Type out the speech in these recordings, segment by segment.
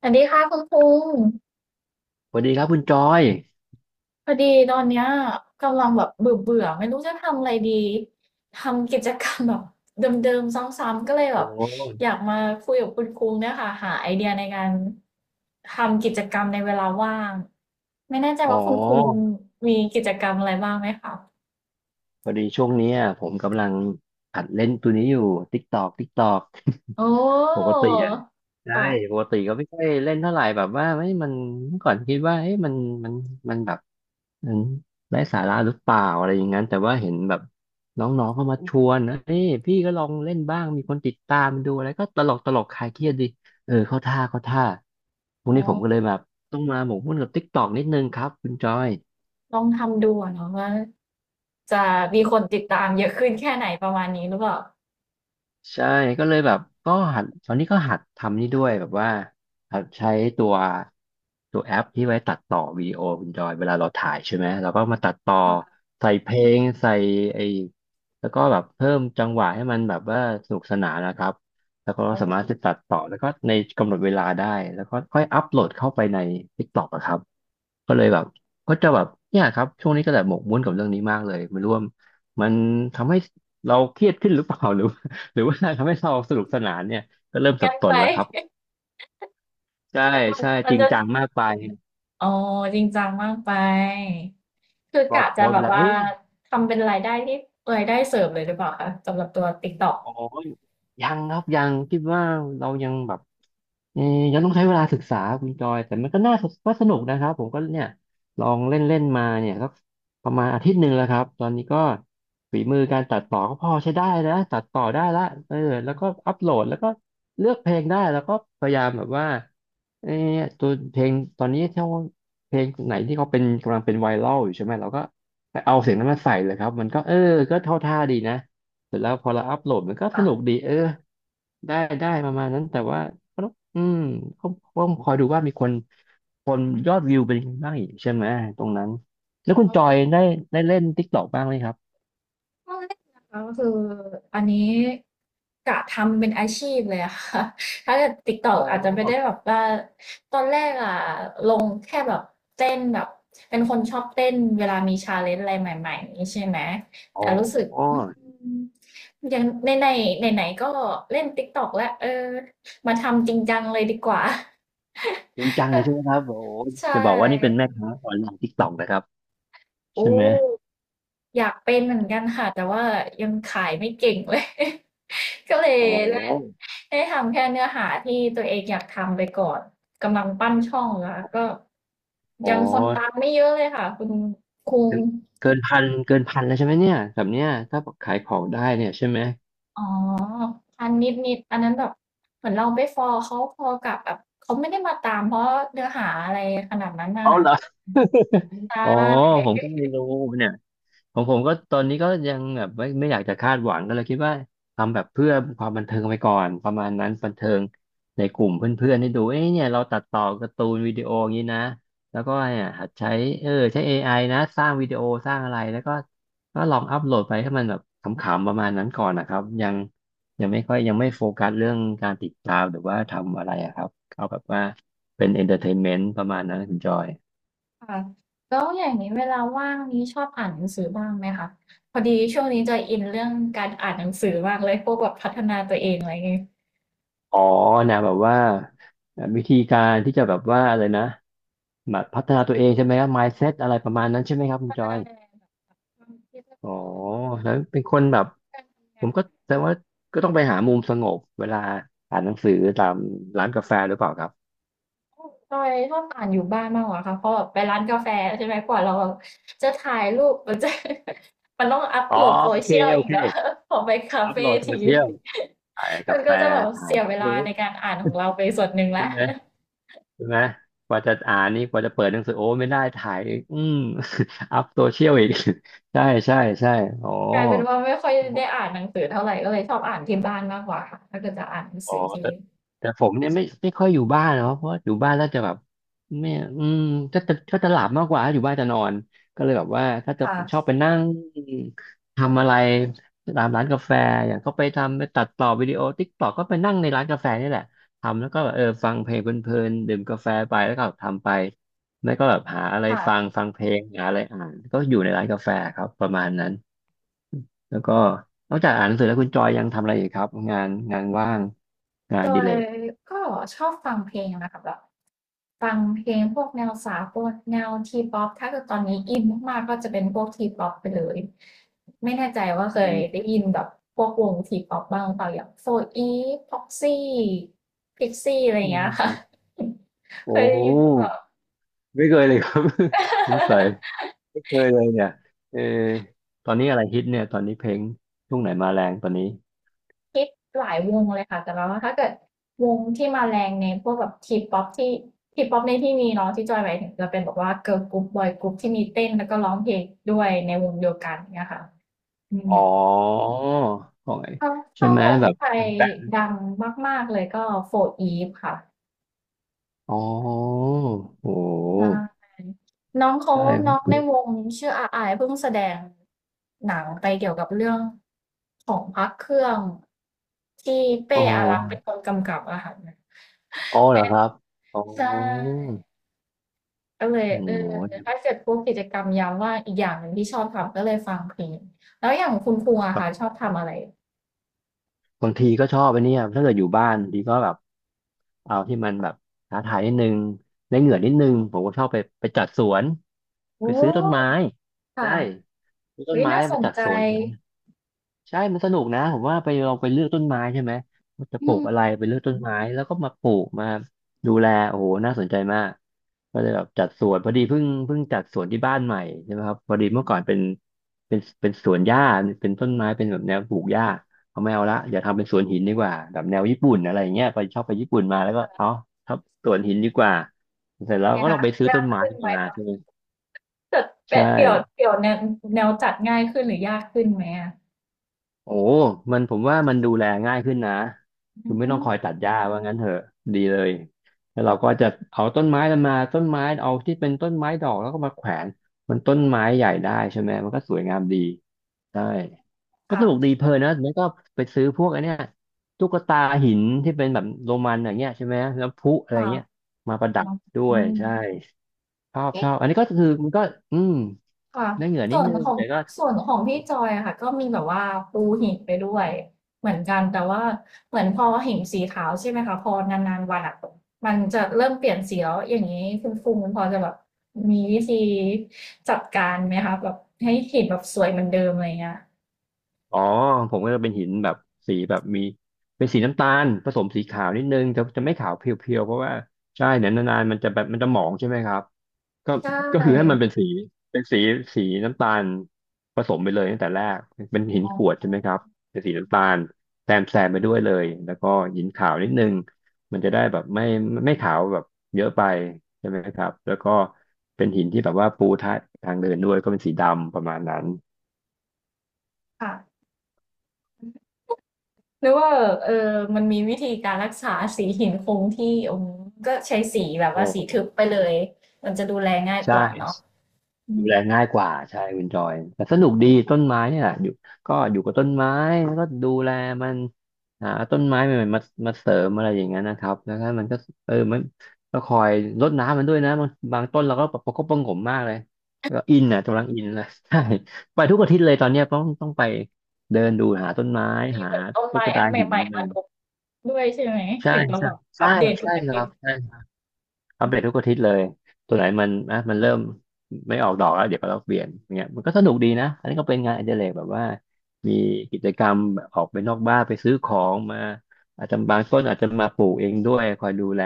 สวัสดีค่ะคุณคุงสวัสดีครับคุณจอยพอดีตอนเนี้ยกำลังแบบเบื่อเบื่อไม่รู้จะทำอะไรดีทำกิจกรรมแบบเดิมๆซ้ำๆก็เลยโอแบบอยา้กมาคุยกับคุณคุงเนี่ยค่ะหาไอเดียในการทำกิจกรรมในเวลาว่างไม่แน่ใจอ๋อว่าคุณคุงมีกิจกรรมอะไรบ้างไหมคะพอดีช่วงเนี้ยผมกำลังหัดเล่นตัวนี้อยู่ ติ๊ กตอกติ๊กตอกโอ้ปกติอะใช่ค่ะปกติก็ไม่ค่อยเล่นเท่าไหร่แบบว่าไม่มันเมื่อก่อนคิดว่าเฮ้ยมันมันแบบมันไร้สาระหรือเปล่าอะไรอย่างนั้น แต่ว่าเห็นแบบน้องๆเข้ามาชวนนะเฮ้ยพี่ก็ลองเล่นบ้าง มีคนติดตามดูอะไรก็ตลกตลกคลายเครียดดีเออเข้าท่าเข้าท่าพรุ่งอ๋อนี้ผมก็เลยแบบต้องมาหมกมุ่นกับติ๊กตอกนิดนึงครับคุณจอย ลองทำดูอะเนาะว่าจะมีคนติดตามเยอะขึ้นแค่ไหนประมาณนี้หรือเปล่าใช่ก็เลยแบบก็หัดตอนนี้ก็หัดทำนี่ด้วยแบบว่าหัดใช้ตัวตัวแอปที่ไว้ตัดต่อวิดีโอคุณจอยเวลาเราถ่ายใช่ไหมเราก็มาตัดต่อค่ะใส่เพลงใส่ไอ้แล้วก็แบบเพิ่มจังหวะให้มันแบบว่าสนุกสนานนะครับแล้วก็โอ้สามารถจะตัดต่อแล้วก็ในกำหนดเวลาได้แล้วก็ค่อยอัพโหลดเข้าไปใน TikTok อะครับก็เลยแบบก็จะแบบเนี่ยครับช่วงนี้ก็แบบหมกมุ่นกับเรื่องนี้มากเลยไม่รู้ว่ามันทำให้เราเครียดขึ้นหรือเปล่า หรือ หรือว่าทำให้เราสนุกสนานเนี่ยก็เริ่มสังั้บนสไป นแล้วครับใช่ใช่ มัจนริงจะ จังมากไปอ๋อจริงจังมากไปคือพลอกะดโพจะสแบไปบแล้วว่าเอ้ยทำเป็นรายได้ที่รายได้เสริมเลยหรือเปล่าคะสำหรับตัวติ๊กต อกโอ้ยยังครับยังคิดว่าเรายังแบบ เออยังต้องใช้เวลาศึกษาคุณจอย แต่มันก็น่าก็สนุกนะครับผมก็เนี่ยลองเล่นเล่นมาเนี่ยสักประมาณอาทิตย์หนึ่งแล้วครับ ตอนนี้ก็ฝีมือการตัดต่อก็พอใช้ได้แล้วตัดต่อได้ละเออแล้วก็อัปโหลดแล้วก็เลือกเพลงได้แล้วก็พยายามแบบว่าเออตัวเพลงตอนนี้ถ้าเพลงไหนที่เขาเป็นกำลังเป็นไวรัลอยู่ใช่ไหมเราก็ไปเอาเสียงนั้นมาใส่เลยครับ มันก็เออก็เท่าท่าดีนะเสร็จแล้วพอเราอัปโหลดมันก็สนุกค่ดีเออได้ได้ประมาณนั้นแต่ว่า อืมก็คอยดูว่ามีคนยอดวิวเป็นยังไงบ้างอีกใช่ไหมตรงนั้นแล้วคุณะ จอยได้ได้เล่น t ิ k กต k อกบ้างไหมครับตอนแรกนะคะก็คืออันนี้กะทำเป็นอาชีพเลยอะค่ะ ถ้าเกิด อ๋ TikTok ออาจจะไม่ได้แบบว่าตอนแรกอะลงแค่แบบเต้นแบบเป็นคนชอบเต้นเวลามีชาเลนจ์อะไรใหม่ๆนี้ใช่ไหมอ๋แต่รู้สึกออืมยังในนไหนๆไหนๆก็เล่น TikTok แล้วมาทำจริงจังเลยดีกว่า จริงจังเลยใช่ไหมครับโอ้โห ใช่ จะบอกว่านี่เป็นแม่ค้าออนไลน์ติกตอกนะครับใช่โอ้ไหมอยากเป็นเหมือนกันค่ะแต่ว่ายังขายไม่เก่งเลย ก็เลยอ๋อได้ได้ทำแค่เนื้อหาที่ตัวเองอยากทำไปก่อนกำลังปั้นช่องแล้วก็อ๋อยังคนตามไม่เยอะเลยค่ะคุณคุงเกินพันเกินพันแล้วใช่ไหมเนี่ยแบบเนี้ยถ้าขายของได้เนี่ยใช่ไหมอ๋อพันนิดนิดอันนั้นแบบเหมือนเราไปฟอลเขาพอกับแบบเขาไม่ได้มาตามเพราะเนื้อหาอะไรขนาดนั้นนะเอาคะเหรอใชอ๋อ่ ผมก็ไม่รู้เนี่ย ของผมก็ตอนนี้ก็ยังแบบไม่อยากจะคาดหวังก็เลยคิดว่าทำแบบเพื่อความบันเทิงไปก่อนประมาณนั้นบันเทิงในกลุ่มเพื่อนๆให้ดูเอ้ยเนี่ยเราตัดต่อการ์ตูนวิดีโออย่างนี้นะแล้วก็เนี่ยหัดใช้ใช้ AI นะสร้างวิดีโอสร้างอะไรแล้วก็ลองอัพโหลดไปให้มันแบบขำๆประมาณนั้นก่อนนะครับยังไม่ค่อยยังไม่โฟกัสเรื่องการติดตามหรือว่าทำอะไรอะครับเอาแบบว่าเป็นเอนเตอร์เทนเมนต์ประมาณนั้นคุณจอย ค่ะแล้วอย่างนี้เวลาว่างนี้ชอบอ่านหนังสือบ้างไหมคะพอดีช่วงนี้จะอินเรื่องการอ่านหนังสือมากเลยพวกแบบพัฒนาตัวเองอะไรงี้อ๋อนะแบบว่าวิธีการที่จะแบบว่าอะไรนะแบบพัฒนาตัวเองใช่ไหมครับ mindset อะไรประมาณนั้นใช่ไหมครับคุณใช่จอยความคิดแล้วอ๋ก็อแล้วเป็นคนแบบการทำผงามนก็แต่ว่าก็ต้องไปหามุมสงบเวลาอ่านหนังสือตามร้านกาแฟหรือเปล่าครับจอยชอบอ่านอยู่บ้านมากกว่าค่ะเพราะแบบไปร้านกาแฟใช่ไหมกว่าเราจะถ่ายรูปมันจะ มันต้องอัปอ๋อโหลด โอเค social โออีกเคเนาะพอไปคาอัเฟพโหลดโซที เชียลถ่าย มักานแฟก็จะแบบถ่าเสียยเวลาเค้ในกการอ่านของเราไปส่วนหนึ่งแล้ว ใช่ไหมใช่ไหมกว่าจะอ่านนี่กว่าจะเปิดหนังสือโอ้ไม่ได้ถ่ายอีก อัพโซเชียลอีก ใช่ใช่ใช่อ๋อ กลายเป็นว่าไม่ค่อยได้อ่านหนังสือเท่าไหรก็เลยชอบอ่านที่บ้านมากกว่าค่ะถ้าเกิดจะอ่านหนังอ๋อสือที่แต่แต่ผมเนี่ยไม่ค่อยอยู่บ้านเนาะเพราะอยู่บ้านแล้วจะแบบไม่อืมก็จะก็จะหลับมากกว่าอยู่บ้านจะนอนก็เลยแบบว่าถ้าจะค่ะชอบไปนั่งทำอะไรตามร้านกาแฟอย่างก็ไปทำไปตัดต่อวิดีโอติ๊กต็อกก็ไปนั่งในร้านกาแฟนี่แหละทำแล้วก็แบบเออฟังเพลงเพลินๆดื่มกาแฟไปแล้วก็ทำไปแล้วก็แบบหาอะไรค่ะฟังเพลงหาอะไรอ่านก็อยู่ในร้านกาแฟครับประมาณนั้น แล้วก็นอกจากอ่านหนังสือแล้วคุณจอยยังทำอะไรอีกครับงานว่างงานโดอดิเลยกก็ชอบฟังเพลงนะคะแบบฟังเพลงพวกแนวสากลแนว T-pop ถ้าเกิดตอนนี้อินมากๆก็จะเป็นพวก T-pop ไปเลยไม่แน่ใจว่าเคยได้ยินแบบพวกวง T-pop บ้างหรือเปล่าอย่าง 4EVE PROXY PIXXiE อะไรอย่างเงี้ยค่ะ โ อ้เคยได้โหยินหรือเปล่า ไม่เคยเลยครับ สงสัยไม่เคยเลยเนี่ยเออตอนนี้อะไรฮิตเนี่ยตอนนี้เพลงช่วงไหนมาแรงตอนนี้คิดหลายวงเลยค่ะแต่แล้ว่าถ้าเกิดวงที่มาแรงในพวกแบบทีป๊อปที่ทีป๊อปในที่นี้เนาะที่จอยหมายถึงจะเป็นแบบว่าเกิร์ลกรุ๊ปบอยกรุ๊ปที่มีเต้นแล้วก็ร้องเพลงด้วยในวงเดียวกันเนี่ยค่ะอืมอ๋อของไอ้ถ้าใช่ไหมวงแบบไทยแบ็คดังมากๆเลยก็โฟร์อีฟค่ะอ๋อโอ้โใหช่น้องเขาใช่ผน้อมงเคในยวงชื่ออาอายเพิ่งแสดงหนังไปเกี่ยวกับเรื่องของพระเครื่องที่อ๋เป้ออารักษ์เป็นคนกำกับอะค่ะ อ๋อเหรอครับอ๋อใช่ก็เลยโอ้โถ้าเกิดพวกกิจกรรมยามว่างอีกอย่างหนึ่งที่ชอบทำก็เลยฟังเพลงแล้วอย่างคุณครูอะค่ะชห อบทำอะไรบางทีก็ชอบไปเนี่ยถ้าเกิดอยู่บ้านบางทีก็แบบเอาที่มันแบบท้าทายนิดนึงได้เหงื่อนิดนึง ผมก็ชอบไปจัดสวนไปโอ้ซื้อต้นไม้คใช่่ะซื้อต้เฮ้นยไม้น่าสมานจัดใจสวน ใช่มันสนุกนะผมว่าไปลองไปเลือกต้นไม้ใช่ไหมว่าจะอืปลูกมอะไรไปเลือกต้นไม้แล้วก็มาปลูกมาดูแลโอ้โหน่าสนใจมากก็เลยแบบจัดสวนพอดีเพิ่งจัดสวนที่บ้านใหม่ใช่ไหมครับพอดีเมื่อก่อนเป็นสวนหญ้าเป็นต้นไม้เป็นแบบแนวปลูกหญ้าเอาไม่เอาละอย่าทำเป็นสวนหินดีกว่าแบบแนวญี่ปุ่นอะไรอย่างเงี้ยไปชอบไปญี่ปุ่นมาแล้วก็เอาทับสวนหินดีกว่าเสร็จแล้วไงก็ต้คะองไปซื้อยาต้กนไม้ขึ้นไหมมาคะใช่ไหมเกิดแปใชดเดี่ยว่ เดี่ยวแนวแนวจัดง่ายขึ้นหรือยากขึ้นไหมอะโอ้มันผมว่ามันดูแลง่ายขึ้นนะคือือไม่ต้องคอยตัมดหญ้าว่างั้นเถอะดีเลยแล้วเราก็จะเอาต้นไม้มันมาต้นไม้เอาที่เป็นต้นไม้ดอกแล้วก็มาแขวนมันต้นไม้ใหญ่ได้ใช่ไหมมันก็สวยงามดีใช่ก็สนุกดีค่ะเพลินนะแล้วก็ไปซื้อพวกไอ้เนี่ยตุ๊กตาหินที่เป็นแบบโรมันอย่างเงี้ยใช่ไหมแล้วพลุอะไรค่ะเงี้ยมาประดับด้วอืยม ใช่ชอบอันนี้ก็คือมันก็อืมค่ะได้เหงื่อนิส่ดวนนึงของแต่ก็ ส่วนของพี่จอยอะค่ะก็มีแบบว่าปูหินไปด้วยเหมือนกันแต่ว่าเหมือนพอหินสีขาวใช่ไหมคะพอนานๆวันอะมันจะเริ่มเปลี่ยนสีแล้วอย่างนี้คุณฟูมิพอจะแบบมีวิธีจัดการไหมคะแบบให้หินแบบสวยเหมือนเดิมอะไรเงี้ยอ๋อผมก็จะเป็นหินแบบสีแบบมีเป็นสีน้ำตาลผสมสีขาวนิดนึงจะไม่ขาวเพียวๆเพราะว่าใช่เนี่ยวนานๆมันจะแบบมันจะหมองใช่ไหมครับก็ใชก็คือให้มัน่เป็นสีเป็นสีน้ำตาลผสมไปเลยตั้งแต่แรกเป็นหินอ๋กรวดอใช่ไหมครับเป็นสีน้ำตาลแซมไปด้วยเลยแล้วก็หินขาวนิดนึงมันจะได้แบบไม่ขาวแบบเยอะไปใช่ไหมครับแล้วก็เป็นหินที่แบบว่าปูทะทางเดินด้วยก็เป็นสีดำประมาณนั้นค่ะหรือว่าเออมันมีวิธีการรักษาสีหินคงที่อืมก็ใช้สีแบบโอ้ว่าสีทึบไปเลยมันจะดูแลง่ายกใช่ ว่าเนาะอืดูม แลง่ายกว่าใช่คุณจอยแต่สนุกดีต้นไม้เนี่ยอยู่ก็อยู่กับต้นไม้แล้วก็ดูแลมันหาต้นไม้ใหม่ๆมามาเสริมอะไรอย่างเงี้ยนะครับแล้วถ้มันก็เออมันก็คอยรดน้ำมันด้วยนะบางต้นเราก็ประคบประหงมมากเลยก็อินอ่ะกำลังอินเลย ใช่ไปทุกอาทิตย์เลยตอนเนี้ยต้องไปเดินดูหาต้นไม้มีหาเหมือนต้นตุ๊ไม้กอัตานหินใหม่ๆกัมานลงด้วยใช่ไหมใช่ถึงต้ใช่แบบใช่อัปเดตทุใช่กอาคทิรัตย์บ อัปเดตทุกอาทิตย์เลยตัวไหนมันอ่ะมันเริ่มไม่ออกดอกแล้วเดี๋ยวก็เราเปลี่ยนอย่างเงี้ยมันก็สนุกดีนะอันนี้ก็เป็นงานอดิเรกแบบว่ามีกิจกรรมแบบออกไปนอกบ้านไปซื้อของมาอาจจะบางต้นอาจจะมาปลูกเองด้วยคอยดูแล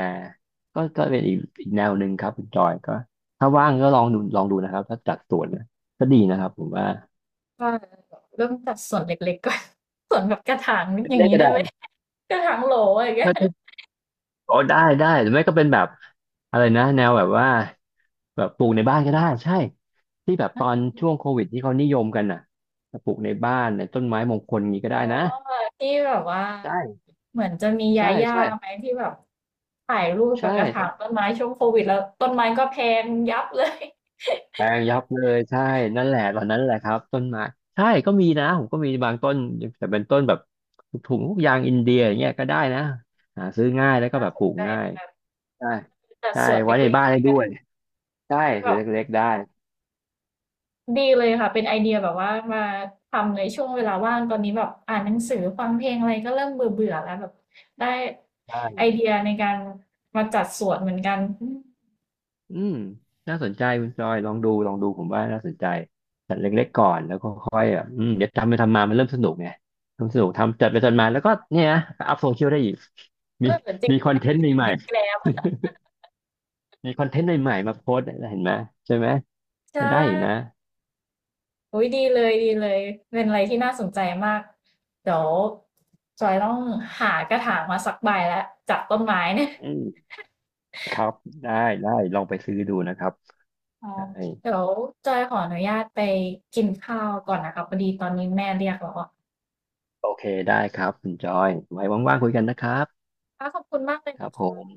ก็ก็เป็นอีกแนวหนึ่งครับคุณจอยก็ถ้าว่างก็ลองดูลองดูนะครับถ้าจัดสวนนะก็ดีนะครับผมว่าว่าเริ่มจากส่วนเล็กๆก่อน ส่วนแบบกระถางอย่างเล่นๆนี้ก็ได้ได้ ไหม กระถางโหลอะไรอย่างเงี้ยอ๋อได้ได้หรือไม่ก็เป็นแบบอะไรนะแนวแบบว่าแบบปลูกในบ้านก็ได้ใช่ที่แบบตอนช่วงโควิดที่เขานิยมกันน่ะปลูกในบ้านในต้นไม้มงคลนี้ก็อ๋อได้นะที่แบบว่าใช่เหมือนจะมียาใช่ย่าใช่ไหมที่แบบถ่ายรูปกัใช่บกระถางต้นไม้ช่วงโควิดแล้วต้นไม้ก็แพงยับเลย แปลงยับเลยใช่นั่นแหละตอนนั้นแหละครับต้นไม้ใช่ก็มีนะผมก็มีบางต้นแต่เป็นต้นแบบถุงพวกยางอินเดียอย่างเงี้ยก็ได้นะหาซื้อง่ายแล้วก็แบบปลู กใจง่ายัใช่แต่ใช่ส่วนเไว้ในล็กบ้านๆในได้กด้ระวถายงใช่ถือแบบ เล็กๆได้ ดีเลยค่ะเป็นไอเดียแบบว่ามาทำในช่วงเวลาว่างตอนนี้แบบอ่านหนังสือฟังเพลงอะไรก็เริ่มเบื่อเบื่อแล้วแบบได้ไอเดียในการมาจัดสวนเหมือนกันอืมอืมน่าสนใจคุณจอยลองดูลองดูผมว่าน่าสนใจจัดเล็กๆก่อนแล้วก็ค่อยแบบอืมเดี๋ยวทำไปทำมามันเริ่มสนุกไงเริ่มสนุกทำจัดไปจัดมาแล้วก็เนี่ยนะอัพโซเชียลได้อีกเอมีอจริงมีคด้อวนยเทนนะต์ใหม่ติดแกล้มๆมีคอนเทนต์ใหม่ๆมาโพสต์เห็นไหมใช่ไหมก็ใช่ได้นะอุ้ยดีเลยดีเลยเป็นอะไรที่น่าสนใจมากเดี๋ยวจอยต้องหากระถางมาสักใบแล้วจากต้นไม้เนี่ยอืมครับได้ได้ลองไปซื้อดูนะครับอ๋อได้เดี๋ยวจอยขออนุญาตไปกินข้าวก่อนนะคะพอดีตอนนี้แม่เรียกแล้วอะโอเคได้ครับคุณจอยไว้ว่างๆคุยกันนะครับค่ะขอบคุณมากเลยครันะบคผมะ